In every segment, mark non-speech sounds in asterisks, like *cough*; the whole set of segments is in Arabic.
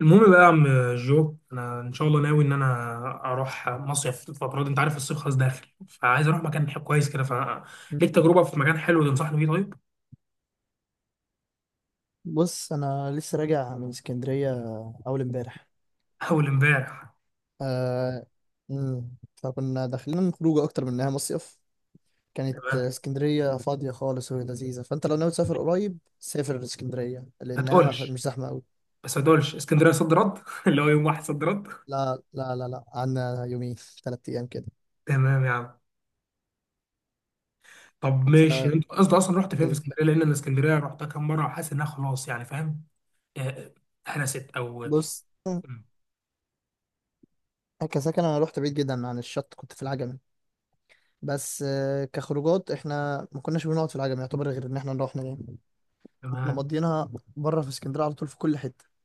المهم بقى يا عم جو، انا ان شاء الله ناوي ان انا اروح مصيف الفتره دي. انت عارف الصيف خلاص داخل، فعايز اروح مكان كويس كده. ف ليك تجربه في مكان حلو تنصحني بيه؟ طيب، بص، انا لسه راجع من اسكندريه، اول امبارح. *laughs* اول امبارح. آه. مم. فكنا داخلين خروجه اكتر من انها مصيف. كانت تمام، اسكندريه فاضيه خالص وهي لذيذه، فانت لو ناوي تسافر قريب سافر اسكندريه ما لانها ما ف- تقولش، مش زحمه قوي. بس ما تقولش اسكندريه صد رد *laughs* اللي هو يوم واحد صد رد. لا لا لا لا، عندنا يومين، ثلاث ايام كده. تمام يا عم. طب ماشي، فكانت انت قصدي اصلا رحت فين في اسكندريه؟ لان انا اسكندريه رحتها كام مره وحاسس انها خلاص، يعني فاهم. آه، هرست او بص، مم. كسكن انا رحت بعيد جدا عن الشط، كنت في العجمي، بس كخروجات احنا ما كناش بنقعد في العجمي يعتبر، غير ان احنا نروح نجي. كنا تمام. مضينا بره في اسكندريه على طول في كل حته.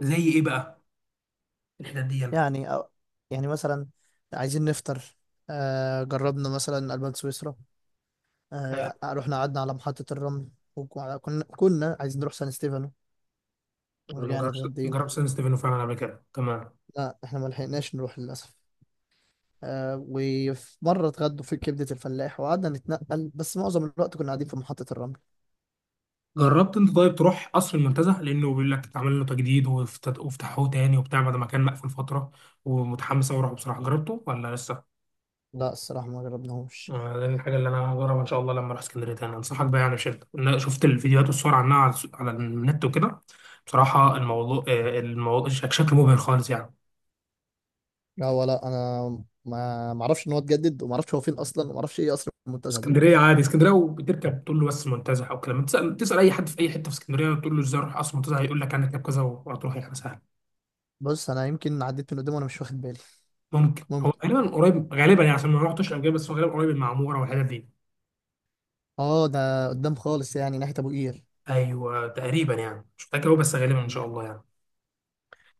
زي ايه بقى الحتت دي؟ انا يعني يعني مثلا عايزين نفطر، جربنا مثلا ألبان سويسرا. رحنا قعدنا على محطة الرمل. وكنا عايزين نروح سان ستيفانو. ما ورجعنا جربتش ما اتغدينا. جربتش سان ستيفانو فعلا قبل كده، تمام. لا، احنا ما لحقناش نروح للأسف. وفي مرة اتغدوا في كبدة الفلاح وقعدنا نتنقل، بس معظم الوقت كنا قاعدين في محطة الرمل. جربت انت طيب تروح قصر المنتزه؟ لانه بيقول لك اتعمل له تجديد وفتحوه تاني وبتاع، بعد ما كان مقفول فتره. ومتحمس اوي اروحه بصراحه، جربته ولا لسه؟ لا الصراحة ما جربناهوش. آه، ده الحاجه اللي انا هجربها ان شاء الله لما اروح اسكندريه تاني. انصحك بقى يعني بشده، انا شفت الفيديوهات والصور عنها على على النت وكده. بصراحه مم. الموضوع آه، الموضوع شكله مبهر خالص يعني. لا، ولا انا ما ما اعرفش ان هو اتجدد، وما اعرفش هو فين اصلا، وما اعرفش ايه اصلا المنتزه ده. اسكندريه عادي، اسكندريه وبتركب تقول له بس المنتزه او كلام. تسال اي حد في اي حته في اسكندريه، تقول له ازاي اروح قصر المنتزه، هيقول لك هنركب كذا وهتروح، يعني سهل. بص انا يمكن عديت من قدامه وانا مش واخد بالي. ممكن هو ممكن. غالبا قريب، غالبا يعني عشان ما رحتش قبل كده، بس هو غالبا قريب المعموره والحتت دي. اه، ده قدام خالص يعني ناحية ابو قير. ايوه تقريبا، يعني مش متاكد قوي بس غالبا ان شاء الله يعني.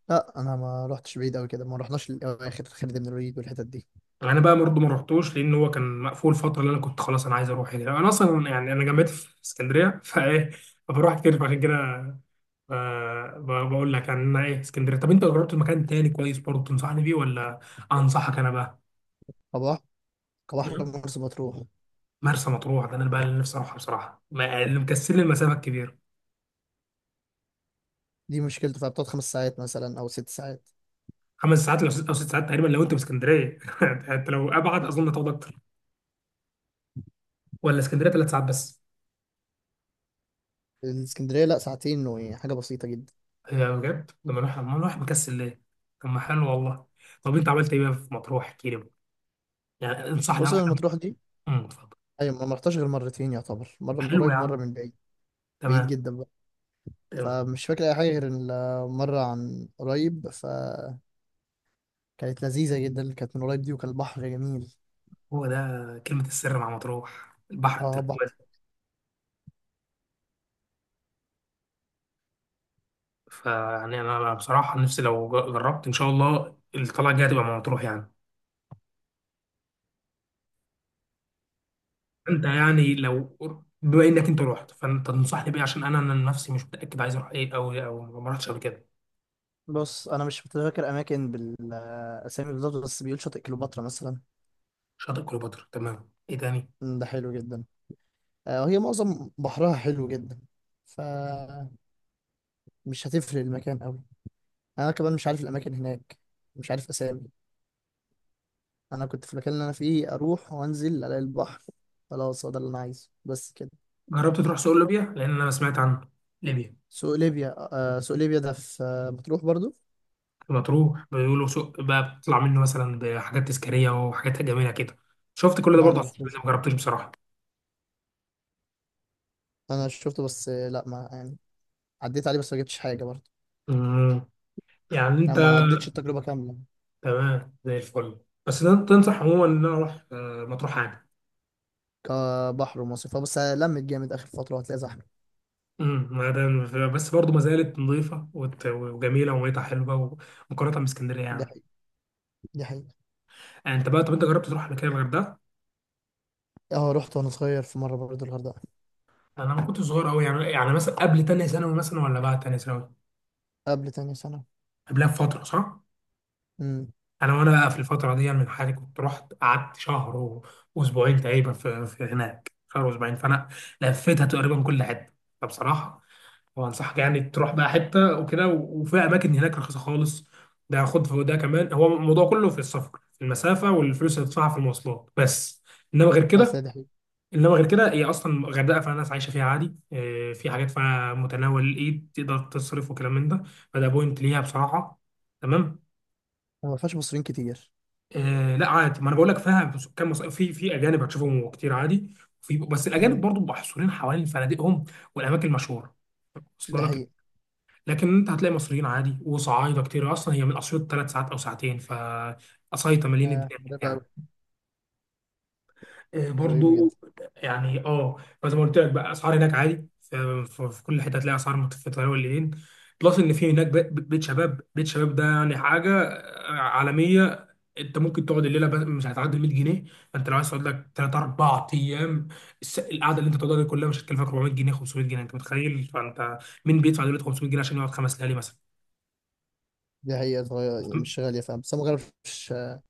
لا، انا ما رحتش بعيد قوي كده، ما رحناش للاخر خالد بن الوليد والحتت دي. يعني انا بقى برضه ما رحتوش، لان هو كان مقفول فتره اللي انا كنت خلاص انا عايز اروح. هنا انا اصلا يعني انا جامعتي في اسكندريه *laughs* فايه، فبروح كتير فعشان كده. آه، بقول لك يعني انا ايه اسكندريه. طب انت جربت مكان تاني كويس برضه تنصحني بيه ولا انصحك انا بقى؟ كبحر كبحر م- مرسى مطروح. مرسى مطروح ده انا بقى اللي نفسي اروحها بصراحه، اللي مكسل لي المسافه الكبيره. دي مشكلته فيها بتقعد خمس ساعات مثلا او ست ساعات. خمس ساعات، لو او ست ساعات تقريبا لو انت في اسكندريه. *laughs* انت لو ابعد اظن هتاخد اكتر، ولا اسكندريه ثلاث ساعات بس؟ الاسكندريه لا، ساعتين وحاجه بسيطه جدا. هي بجد لما نروح مكسل ليه. طب ما حلو والله. طب انت عملت ايه بقى في مطروح، احكي لي بقى. يعني انصحني بص اروح أنا مطروح دي، امم، اتفضل. ايوه ما رحتش غير مرتين يعتبر، مره من حلو يا قريب ومره عم. من بعيد. بعيد تمام، جدا بقى، تمام، فمش فاكر اي حاجه غير المره عن قريب، فكانت لذيذه جدا اللي كانت من قريب دي، وكان البحر جميل. هو ده كلمه السر مع مطروح، البحر اه، التركيزي. فيعني انا بصراحه نفسي لو جربت ان شاء الله الطلعه الجايه تبقى مع مطروح يعني. انت يعني لو، بما انك انت رحت، فانت تنصحني بايه؟ عشان انا نفسي مش متاكد عايز اروح ايه، او ما رحتش قبل كده. بص انا مش متذكر اماكن بالاسامي بالظبط، بس بيقول شاطئ كليوباترا مثلا. شاطئ كليوباترا، تمام، ايه تاني؟ ده حلو جدا. وهي معظم بحرها حلو جدا. فمش هتفرق المكان قوي، انا كمان مش عارف الاماكن هناك، مش عارف اسامي. انا كنت في المكان اللي انا فيه اروح وانزل الاقي البحر، خلاص هو ده اللي انا عايزه بس كده. جربت تروح سوق ليبيا؟ لان انا سمعت عن ليبيا سوق ليبيا، سوق ليبيا ده في مطروح برضو. لما تروح بيقولوا سوق بقى، بتطلع منه مثلا بحاجات تذكاريه وحاجات جميله كده. شفت كل ده لا برضه على ما السوشيال ميديا، رحتوش، ما جربتش بصراحه. انا شفته بس لا ما يعني عديت عليه، بس ما جبتش حاجه برضو. امم، يعني انا انت ما عدتش التجربه كامله. تمام زي الفل. بس ده انت تنصح عموما ان انا اروح آه، مطروح عادي؟ كبحر ومصيف، بس لمت جامد اخر فتره وهتلاقي زحمه. امم، ما ده بس برضه ما زالت نظيفه وجميله وميتها حلوه، ومقارنه باسكندريه دي يعني. حقيقه، دي حقيقه. يعني انت بقى، طب انت جربت تروح قبل كده الغردقه؟ اه، رحت وانا صغير في مره برضه الغردقه. انا ما كنت صغير قوي يعني، يعني مثلا قبل تانية ثانوي مثلا ولا بعد تانية ثانوي؟ قبل تاني سنه. قبلها بفتره صح؟ امم انا وانا بقى في الفتره دي يعني من حالي كنت رحت قعدت شهر واسبوعين تقريبا في، هناك شهر واسبوعين، فانا لفيتها تقريبا كل حته. فبصراحه وانصحك يعني تروح بقى حته وكده، وفي اماكن هناك رخيصه خالص. ده خد في ده كمان، هو الموضوع كله في السفر، في المسافه والفلوس اللي تدفعها في المواصلات بس، انما غير بس كده. هي دي حقيقه. انما غير كده هي اصلا الغردقه فيها ناس عايشه فيها عادي، آه، في حاجات فيها متناول الايد تقدر تصرف وكلام من ده، فده بوينت ليها بصراحه. تمام. وما فيهاش مصريين كتير. آه لا عادي، ما انا بقول لك فيها كم في، في اجانب هتشوفهم كتير عادي. في بس الاجانب امم برضو محصورين حوالين فنادقهم والاماكن المشهوره. دي وصل لك. حقيقه. لكن انت هتلاقي مصريين عادي وصعايده كتير، اصلا هي من اسيوط ثلاث ساعات او ساعتين، فقصايطه مليين آه، الدنيا هناك ده بقى يعني. آه، قريبه جدا. برضو، يعني اه فزي ما قلت لك بقى اسعار هناك عادي، في كل حته هتلاقي اسعار متفتحه والليلين. بلس ان في هناك بيت شباب. بيت شباب ده يعني حاجه آه، عالميه. انت ممكن تقعد الليله مش هتعدي 100 جنيه. فانت لو عايز تقعد لك 3 4 ايام، القعده اللي انت تقعدها دي كلها مش هتكلفك 400 جنيه، 500 جنيه، انت متخيل؟ فانت مين بيدفع دلوقتي 500 جنيه عشان يقعد خمس ليالي مثلا؟ دي حقيقه، صغير مش غاليه فاهم، بس أنا ما جربتش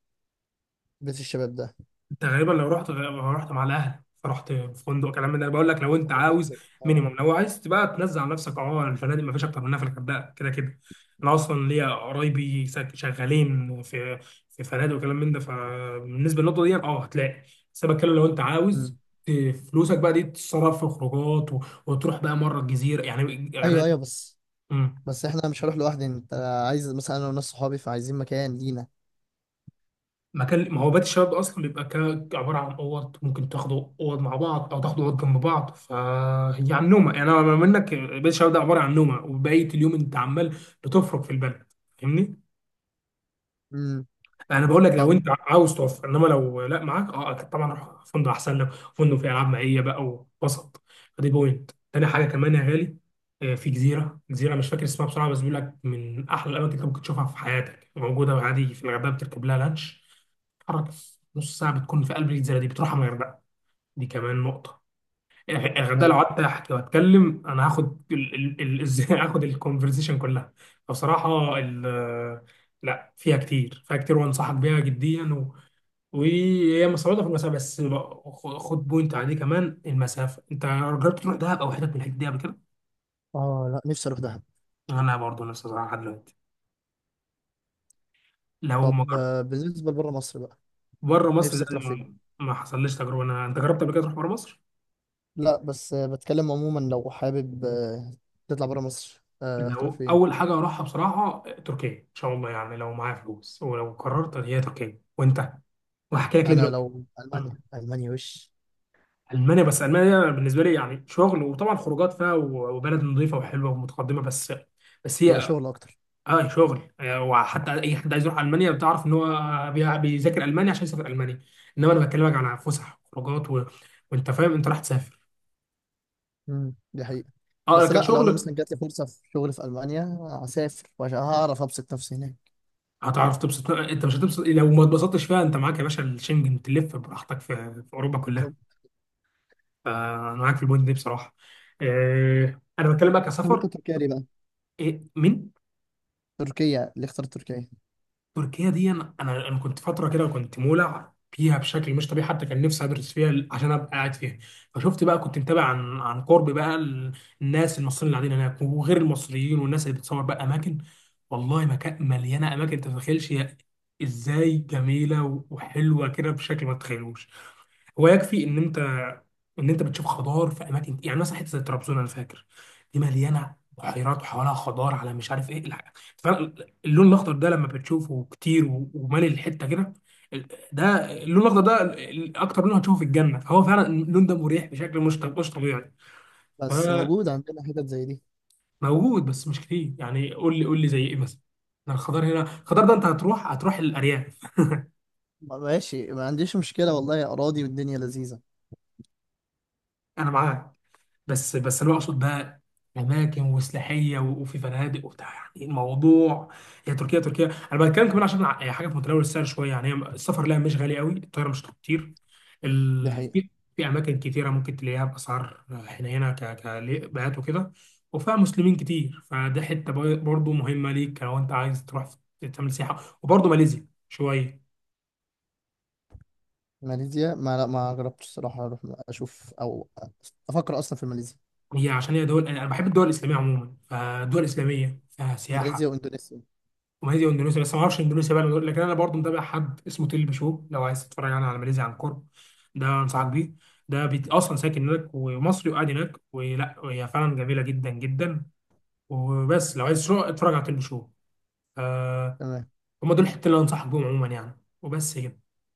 بيت الشباب ده. انت غالبا لو رحت، لو رحت مع الاهل، فرحت في فندق كلام من ده. انا بقول لك لو انت احنا في عاوز مصر اه. مينيمم، لو عايز تبقى تنزل على نفسك اه، الفنادق ما فيش اكتر منها في الغردقه كده كده. انا اصلا ليا قرايبي شغالين في، في فنادق وكلام من ده، فبالنسبه للنقطه دي اه هتلاقي. بس انا بتكلم لو انت عاوز امم. ت- فلوسك بقى دي تتصرف في خروجات وتروح بقى مره الجزيره يعني ايوه الغردقه. ايوه، بس بس احنا مش هروح لوحدي. انت عايز مثلا انا وناس صحابي، فعايزين مكان لينا. مكان، ما هو بيت الشباب ده اصلا بيبقى عباره عن اوض، ممكن تاخدوا اوض مع بعض او تاخدوا اوض جنب بعض، فهي عن نومه. يعني انا بما منك بيت الشباب ده عباره عن نومه، وبقيه اليوم انت عمال بتفرك في البلد، فاهمني. امم. انا بقول لك لو طب. انت عاوز توفر، انما لو لا معاك اه، اكيد طبعا روح فندق احسن لك، فندق فيه العاب مائيه بقى ووسط. فدي بوينت تاني حاجه كمان يا غالي، آه، في جزيره، جزيره مش فاكر اسمها بسرعه، بس بيقول لك من احلى الاماكن اللي ممكن تشوفها في حياتك موجوده عادي في الغردقه. بتركب لها لانش تتحرك في نص ساعه بتكون في قلب الجزيره دي، بتروحها من الغردقه. دي كمان نقطه. يعني ده لو ايوه. قعدت احكي واتكلم انا هاخد ازاي *laughs* هاخد الكونفرزيشن كلها. فبصراحه لا فيها كتير، فيها كتير وانصحك بيها جديا. و... وهي مستوردة في المسافه بس، خد بوينت عليه كمان المسافه، انت جربت تروح دهب او حتت من الحاجات دي قبل كده؟ اه. لا، نفسي اروح دهب. انا برضه نفسي أروح لحد دلوقتي لو ما طب جربت. بالنسبه لبره مصر بقى. بره مصر ده نفسك تروح ما فين؟ ما حصلليش تجربه انا. انت جربت قبل كده تروح بره مصر؟ لا، بس بتكلم عموما لو حابب تطلع بره مصر هتروح لو فين؟ اول حاجه اروحها بصراحه تركيا ان شاء الله، يعني لو معايا فلوس، ولو قررت هي تركيا وانت، وهحكي لك ليه انا دلوقتي. لو مم. المانيا، المانيا وش. المانيا، بس المانيا بالنسبه لي يعني شغل، وطبعا خروجات فيها وبلد نظيفه وحلوه ومتقدمه، بس. بس هي هي شغل اكتر. اه شغل آه، وحتى اي حد عايز يروح المانيا بتعرف ان هو بيذاكر المانيا عشان يسافر المانيا. انما انا بكلمك عن فسح وخروجات، و... وانت فاهم انت راح تسافر دي حقيقة. اه بس لا، لو انا كشغل. مثلا جات لي فرصة في شغل في المانيا هسافر، وعشان هعرف ابسط نفسي هناك. هتعرف تبسط، انت مش هتبسط؟ لو ما اتبسطتش فيها انت معاك يا باشا الشنجن، تلف براحتك في، في اوروبا كلها. طب. فانا معاك في البوينت دي بصراحه. آه، انا بتكلم بقى طب انت كسفر. تركيا ليه بقى؟ إيه؟ مين؟ تركيا اللي اختار تركيا. تركيا دي انا كنت فتره كده كنت مولع فيها بشكل مش طبيعي، حتى كان نفسي ادرس فيها عشان ابقى قاعد فيها. فشفت بقى، كنت متابع عن قرب بقى الناس المصريين اللي قاعدين هناك وغير المصريين، والناس اللي بتصور بقى اماكن. والله مكان مليانه اماكن، انت ما تتخيلش هي ازاي جميله وحلوه كده بشكل ما تتخيلوش. هو يكفي ان انت بتشوف خضار في اماكن، يعني مثلا حته زي طرابزون انا فاكر دي مليانه بحيرات وحوالها خضار على مش عارف ايه فعلا. اللون الاخضر ده لما بتشوفه كتير ومالي الحته كده ال- ده. اللون الاخضر ده اكتر لون هتشوفه في الجنه، فهو فعلا اللون ده مريح بشكل مش طبيعي. بس فموجود، موجود عندنا حتت زي دي. بس مش كتير. يعني قول لي، قول لي زي ايه مثلا؟ أنا الخضار هنا، الخضار ده انت هتروح، هتروح الارياف. ماشي، ما عنديش مشكلة والله، أراضي والدنيا لذيذة. انا معاك، بس انا اقصد بقى اماكن وسلاحيه وفي فنادق وبتاع، يعني إيه الموضوع؟ هي تركيا، تركيا انا بتكلم كمان عشان حاجه في متناول السعر شويه يعني. هي السفر لها مش غالي قوي، الطياره مش كتير دي حقيقة. في، في اماكن كتيره ممكن تلاقيها باسعار حنينه ك كبيات وكده. وفيها مسلمين كتير، فده حته برضه مهمه ليك لو انت عايز تروح تعمل سياحه. وبرضه ماليزيا شويه، ماليزيا ما لا، ما جربتش الصراحة أروح أشوف أو أفكر أصلا في ماليزيا. هي عشان هي دول انا بحب الدول الاسلاميه عموما، فالدول الاسلاميه فيها ماليزيا سياحه. واندونيسيا. وماليزيا واندونيسيا، بس ما اعرفش اندونيسيا بقى، لكن انا برضو متابع حد اسمه تيل بشو لو عايز تتفرج يعني على ماليزيا عن قرب، ده انصحك بيه. ده بيت اصلا ساكن هناك ومصري وقاعد هناك، ولا هي فعلا جميله جدا جدا. وبس لو عايز شو اتفرج على تيل بشو. آه، تمام هم دول الحتتين اللي انصحك بيهم عموما يعني، وبس كده.